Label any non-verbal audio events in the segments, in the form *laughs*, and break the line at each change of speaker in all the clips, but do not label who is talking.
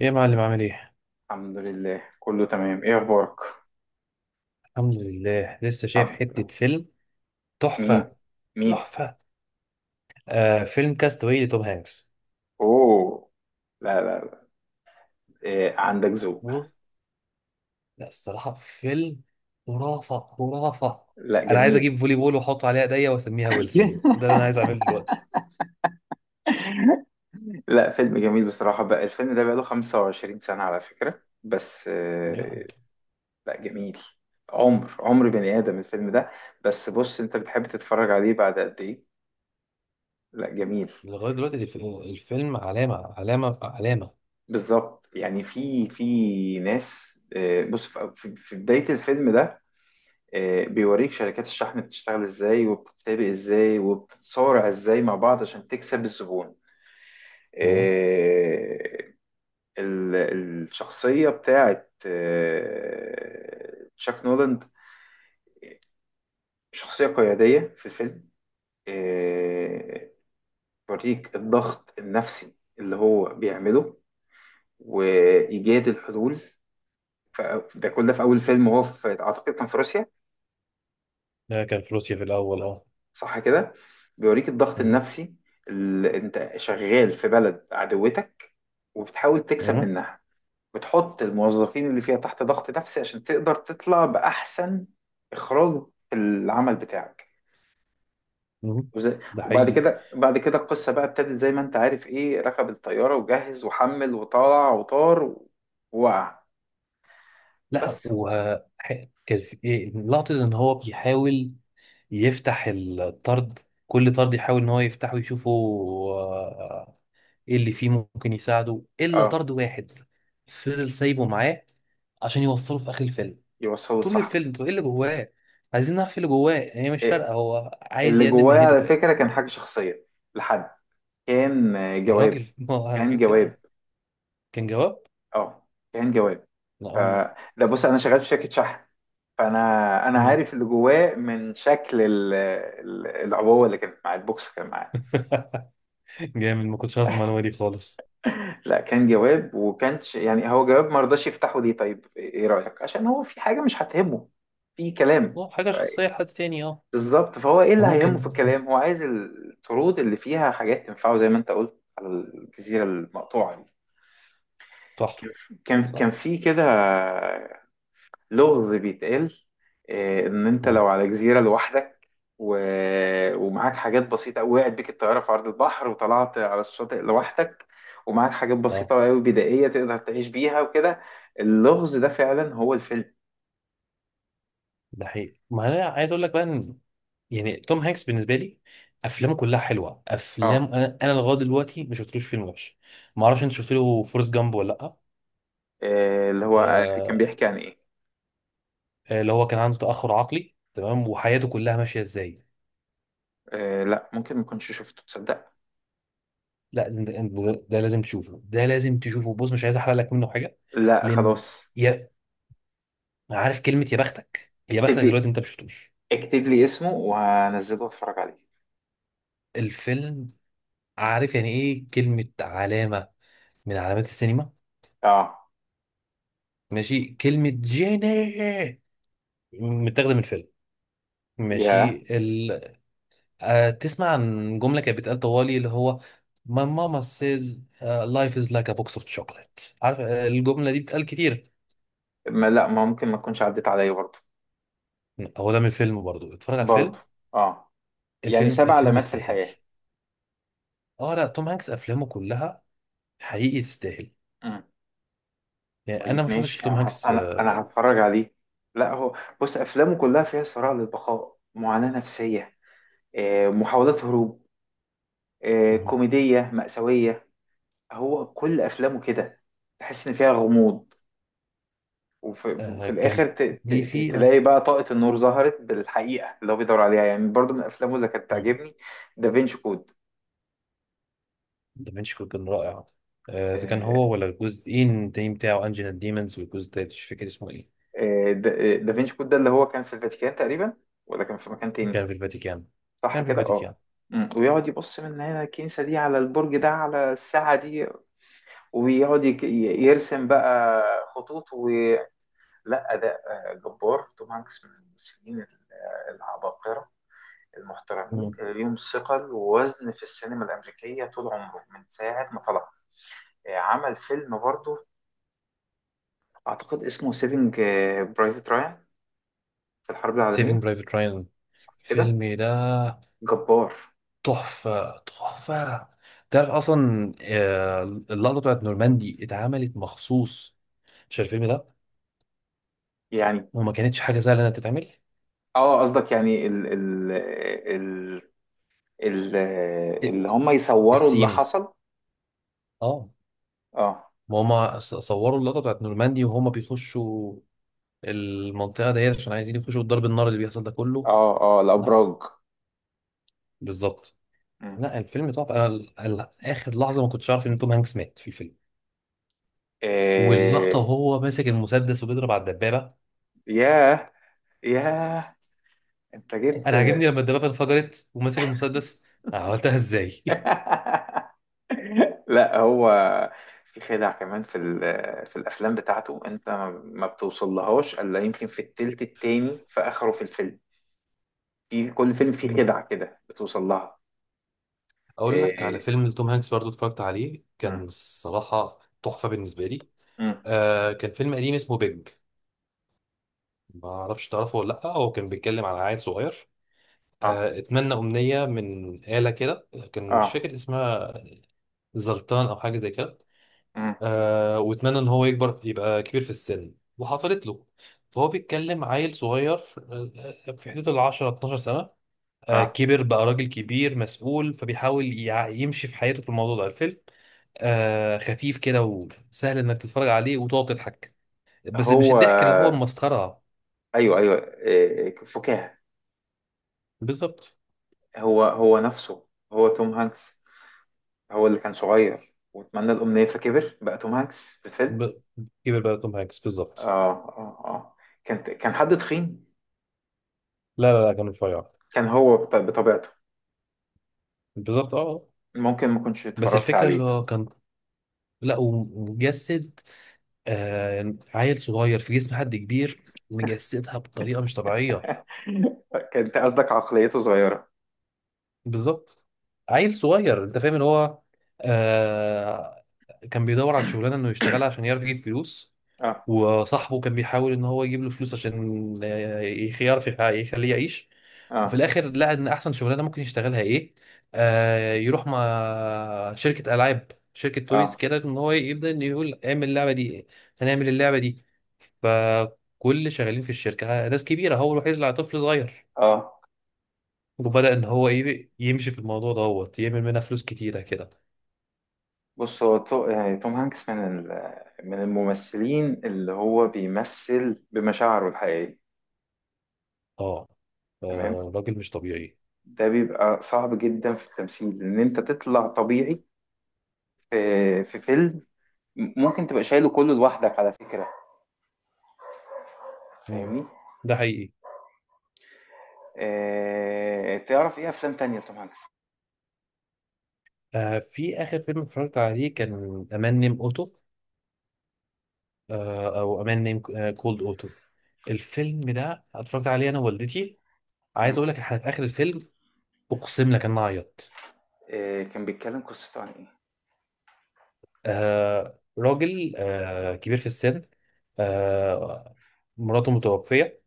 ايه يا معلم عامل ايه؟
الحمد لله، كله تمام. ايه اخبارك؟
الحمد لله لسه شايف
الحمد
حتة
لله.
فيلم.
مين
تحفة.
مين
تحفة. فيلم كاستاوي لتوم هانكس.
اوه. لا، لا، لا. إيه، عندك ذوق.
بص، لا الصراحة فيلم خرافة خرافة.
لا،
انا عايز
جميل.
اجيب فولي بول واحط عليها ايديا واسميها ويلسون،
*laughs*
ده اللي انا عايز اعمله دلوقتي.
لا، فيلم جميل بصراحة. بقى الفيلم ده بقاله 25 سنة على فكرة بس
يعني
لا، جميل. عمر بني آدم الفيلم ده. بس بص، انت بتحب تتفرج عليه بعد قد ايه؟ لا، جميل.
لغاية دلوقتي الفيلم علامة علامة علامة.
بالظبط. يعني في ناس، بص، في بداية الفيلم ده. بيوريك شركات الشحن بتشتغل ازاي، وبتتسابق ازاي، وبتتصارع ازاي مع بعض عشان تكسب الزبون.
مم.
آه، الشخصية بتاعت تشاك نولاند. شخصية قيادية في الفيلم. آه، بيوريك الضغط النفسي اللي هو بيعمله، وإيجاد الحلول. ده كل ده في أول فيلم، وهو في، أعتقد كان في روسيا.
ده كان فلوسيا في الاول اه.
صح كده. بيوريك الضغط
مم.
النفسي، اللي انت شغال في بلد عدوتك، وبتحاول تكسب
مم.
منها. بتحط الموظفين اللي فيها تحت ضغط نفسي عشان تقدر تطلع بأحسن إخراج في العمل بتاعك.
مم.
وز-
ده
وبعد
حقيقي.
كده بعد كده القصة بقى ابتدت، زي ما انت عارف، ايه، ركب الطيارة وجهز وحمل وطلع وطار، ووقع.
لا
بس.
كان لقطة ان هو بيحاول يفتح الطرد. كل طرد يحاول ان هو يفتحه يشوفه، آه، ايه اللي فيه ممكن يساعده الا
اه،
طرد واحد، فضل سايبه معاه عشان يوصله في اخر الفيلم.
يوصله
طول
لصاحبه.
الفيلم طب ايه اللي جواه؟ عايزين نعرف ايه اللي جواه، هي مش
إيه،
فارقه، هو عايز
اللي
يقدم
جواه
مهنته
على
في
فكرة
الاخر.
كان حاجة شخصية لحد. كان
يا
جواب.
راجل *laughs* ما هو
كان
عارفين كده.
جواب.
كان جواب.
اه، كان جواب.
لا
ف
هم.
ده بص، انا شغال في شركه شحن. فانا، انا
مم.
عارف اللي جواه من شكل العبوه اللي كانت مع البوكس كان معاه.
*laughs* جامد، ما كنتش عارف المعلومه دي خالص.
لا، كان جواب وكانش، يعني هو جواب، ما رضاش يفتحه. ليه؟ طيب، ايه رايك، عشان هو في حاجه مش هتهمه في كلام.
هو حاجه
ف-
شخصيه لحد تاني اه.
بالظبط. فهو ايه اللي هيهمه في
فممكن.
الكلام، هو عايز الطرود اللي فيها حاجات تنفعه، زي ما انت قلت على الجزيره المقطوعه دي.
صح.
كان كان
صح.
في كده لغز بيتقال، ان انت
مم.
لو على جزيره لوحدك و... ومعاك حاجات بسيطه قوي، وقعت بيك الطياره في عرض البحر وطلعت على الشاطئ لوحدك، ومعاك حاجات
اه.
بسيطه قوي بدائيه تقدر تعيش بيها وكده. اللغز ده فعلا هو الفيلم.
ده حقيقي. ما انا عايز اقول لك بقى إن يعني توم هانكس بالنسبه لي، افلامه كلها حلوه.
اه.
افلام انا لغايه دلوقتي ما شفتلوش فيلم وحش. ما اعرفش انت شفت له فورست جامب ولا لا.
اللي هو كان
آه،
بيحكي عن ايه؟
اللي هو كان عنده تاخر عقلي تمام وحياته كلها ماشيه ازاي.
لا، ممكن ما كنتش شفته، تصدق.
لا ده لازم تشوفه، ده لازم تشوفه، بص مش عايز احرق لك منه حاجه،
لا،
لان
خلاص.
يا عارف كلمه يا بختك يا
اكتب
بختك
لي
دلوقتي انت ما شفتوش
اكتب لي اسمه وهنزله واتفرج عليه.
الفيلم. عارف يعني ايه كلمه علامه؟ من علامات السينما.
اه،
ماشي، كلمه جيني متاخده من الفيلم.
يا
ماشي. تسمع عن جملة كانت بتتقال طوالي اللي هو My mama says life is like a box of chocolate. عارف؟ الجملة دي بتتقال كتير.
ما، لا ما ممكن ما تكونش عدت عليا برضه.
هو ده من الفيلم برضو، اتفرج على
برضه،
الفيلم.
اه. يعني سبع
الفيلم
علامات في
يستاهل.
الحياة.
اه لا توم هانكس افلامه كلها حقيقي تستاهل.
مم.
يعني انا
طيب،
ما شفتش
ماشي.
توم
انا هت...
هانكس.
انا انا هتفرج عليه. لا، هو، بص افلامه كلها فيها صراع للبقاء، معاناة نفسية، محاولات هروب،
مهم.
كوميدية مأساوية. هو كل افلامه كده، تحس ان فيها غموض، وفي في
كان
الاخر
ليه فيه.
تلاقي بقى طاقة النور ظهرت بالحقيقة اللي هو بيدور عليها. يعني برضو من افلامه اللي كانت
مهم.
تعجبني دافينشي كود.
دافنشي كود كان رائع. اذا كان
آه،
هو ولا الجزئين التاني بتاعه انجينا ديمونز والجزء التالت مش فاكر اسمه ايه.
دافينشي كود ده اللي هو كان في الفاتيكان تقريبا، ولا كان في مكان تاني؟
كان في الفاتيكان.
صح
كان في
كده، اه.
الفاتيكان.
مم. ويقعد يبص من هنا الكنيسة دي على البرج ده على الساعة دي، ويقعد يرسم بقى خطوط. لا، ده جبار. توم هانكس من الممثلين العباقرة المحترمين، ليهم ثقل ووزن في السينما الأمريكية طول عمره من ساعة ما طلع. عمل فيلم برضه، أعتقد اسمه سيفنج برايفت رايان في الحرب العالمية.
سيفينج برايفت رايان
كده،
الفيلم ده
جبار.
تحفة تحفة. تعرف أصلا، اللقطة بتاعت نورماندي اتعملت مخصوص عشان الفيلم ده،
يعني.
وما كانتش حاجة سهلة إنها تتعمل.
اه، قصدك يعني ال ال-
ال-
اللي هم يصوروا اللي
السين
حصل.
اه.
اه،
ما هما صوروا اللقطة بتاعت نورماندي وهما بيخشوا المنطقة ديت عشان عايزين يخشوا ضرب النار اللي بيحصل ده كله.
اه، اه،
لا
الابراج.
بالظبط.
مم.
لا الفيلم تحفة. أنا آخر لحظة ما كنتش عارف إن توم هانكس مات في الفيلم، واللقطة
إيه.
وهو ماسك المسدس وبيضرب على الدبابة.
ياه. ياه. انت جبت.
انا عاجبني لما الدبابه انفجرت وماسك المسدس، أنا عملتها ازاي *laughs*
*laughs* لا، هو في خدع كمان في الافلام بتاعته، انت ما بتوصلهاش الا يمكن في التلت التاني في اخره في الفيلم. في كل فيلم فيه
مم.
خدعة كده بتوصل لها.
اقول
إيه،
لك على
إيه.
فيلم لتوم هانكس برضو اتفرجت عليه، كان
مم.
الصراحه تحفه بالنسبه لي.
مم.
كان فيلم قديم اسمه بيج، ما اعرفش تعرفه ولا لا. هو كان بيتكلم عن عيل صغير،
اه،
اتمنى امنيه من آلة كده كان مش
اه.
فاكر اسمها، زلطان او حاجه زي كده.
مم.
واتمنى ان هو يكبر يبقى كبير في السن وحصلت له. فهو بيتكلم عيل صغير، في حدود ال 10 12 سنه.
اه.
كبر بقى راجل كبير مسؤول فبيحاول يمشي في حياته في الموضوع ده الفيلم. خفيف كده وسهل انك تتفرج عليه وتقعد تضحك، بس مش
هو،
الضحك اللي هو المسخرة.
ايوه، ايوه، فكاهه.
بالظبط.
هو هو نفسه، هو توم هانكس، هو اللي كان صغير واتمنى الامنيه فكبر بقى توم هانكس في الفيلم.
ب... كبر بقى توم هانكس بالظبط.
اه، اه، اه، كان حد تخين.
لا لا لا كان رفيع.
كان هو بطبيعته،
بالظبط اه آه.
ممكن ما كنتش
بس
اتفرجت
الفكرة
عليه.
اللي هو كان، لا ومجسد عيل صغير في جسم حد كبير، مجسدها بطريقة مش طبيعية.
*laughs* كنت قصدك عقليته صغيره.
بالظبط. عيل صغير انت فاهم ان هو آه كان بيدور على شغلانه انه يشتغلها
*coughs*
عشان يعرف يجيب فلوس.
اه،
وصاحبه كان بيحاول ان هو يجيب له فلوس عشان يعرف يخليه يعيش. وفي
اه،
الاخر لقى ان احسن شغلانه ممكن يشتغلها ايه، يروح مع شركه العاب شركه تويز
اه،
كده ان هو يبدا انه يقول اعمل اللعبه دي، هنعمل اللعبه دي. فكل شغالين في الشركه ناس كبيره هو الوحيد اللي طفل صغير.
اه.
وبدأ إن هو إيه يمشي في الموضوع دوت يعمل منها فلوس كتيرة كده.
بص، هو يعني توم هانكس من الممثلين اللي هو بيمثل بمشاعره الحقيقيه.
أه.
تمام.
راجل مش طبيعي.
ده بيبقى صعب جدا في التمثيل ان انت تطلع طبيعي في فيلم. ممكن تبقى شايله كله لوحدك على فكرة.
مم.
فاهمني؟
ده حقيقي.
تعرف ايه افلام تانية لتوم هانكس؟
في آخر فيلم اتفرجت عليه كان أمان نيم أوتو، أو أمان نيم، كولد أوتو. الفيلم ده اتفرجت عليه أنا ووالدتي. عايز
مم.
أقول لك إحنا في آخر الفيلم، أقسم لك إن أنا عيطت.
كان بيتكلم قصته عن ايه؟
راجل كبير في السن. آه مراته متوفية،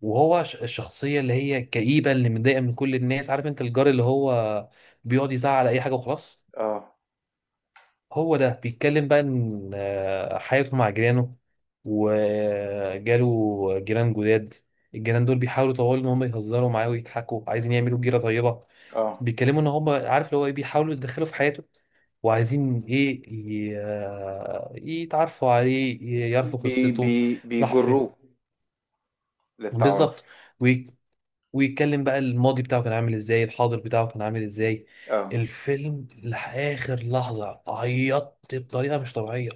وهو الشخصية اللي هي الكئيبة اللي متضايقة من كل الناس، عارف انت الجار اللي هو بيقعد يزعق على اي حاجة وخلاص.
اه،
هو ده بيتكلم بقى ان حياته مع جيرانه وجاله جيران جداد. الجيران دول بيحاولوا طوال ان هم يهزروا معاه ويضحكوا عايزين يعملوا جيرة طيبة.
اه،
بيتكلموا ان هم عارف اللي هو ايه بيحاولوا يتدخلوا في حياته، وعايزين ايه يتعرفوا عليه يعرفوا قصته. راح فين
بيجروه
بالظبط.
للتعارف.
ويتكلم بقى الماضي بتاعه كان عامل ازاي الحاضر بتاعه كان عامل ازاي.
اه.
الفيلم لآخر لحظة عيطت بطريقة مش طبيعية.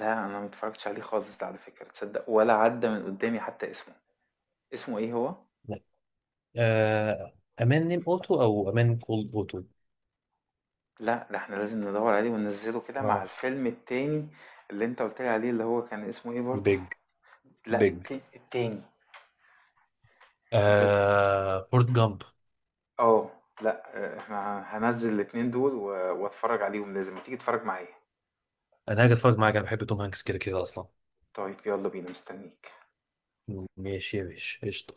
لا، انا ما اتفرجتش عليه خالص ده على فكرة، تصدق، ولا عدى من قدامي حتى اسمه. اسمه ايه هو؟
آه أمان نيم أوتو أو أمان كولد أوتو.
لا، ده احنا لازم ندور عليه وننزله كده مع
اه
الفيلم التاني اللي انت قلت لي عليه اللي هو كان اسمه ايه برضه.
بيج
لأ،
بيج
التاني. أنت قُلت.
فورت جامب.
آه، لأ، إحنا هانزّل الاتنين دول واتفرّج عليهم لازم، ما تيجي تتفرّج معايا؟
أنا هاجي أتفرج معاك أنا بحب توم هانكس كده كده أصلا.
طيب، يالّا بينا، مستنيك.
ماشي يا باشا قشطة.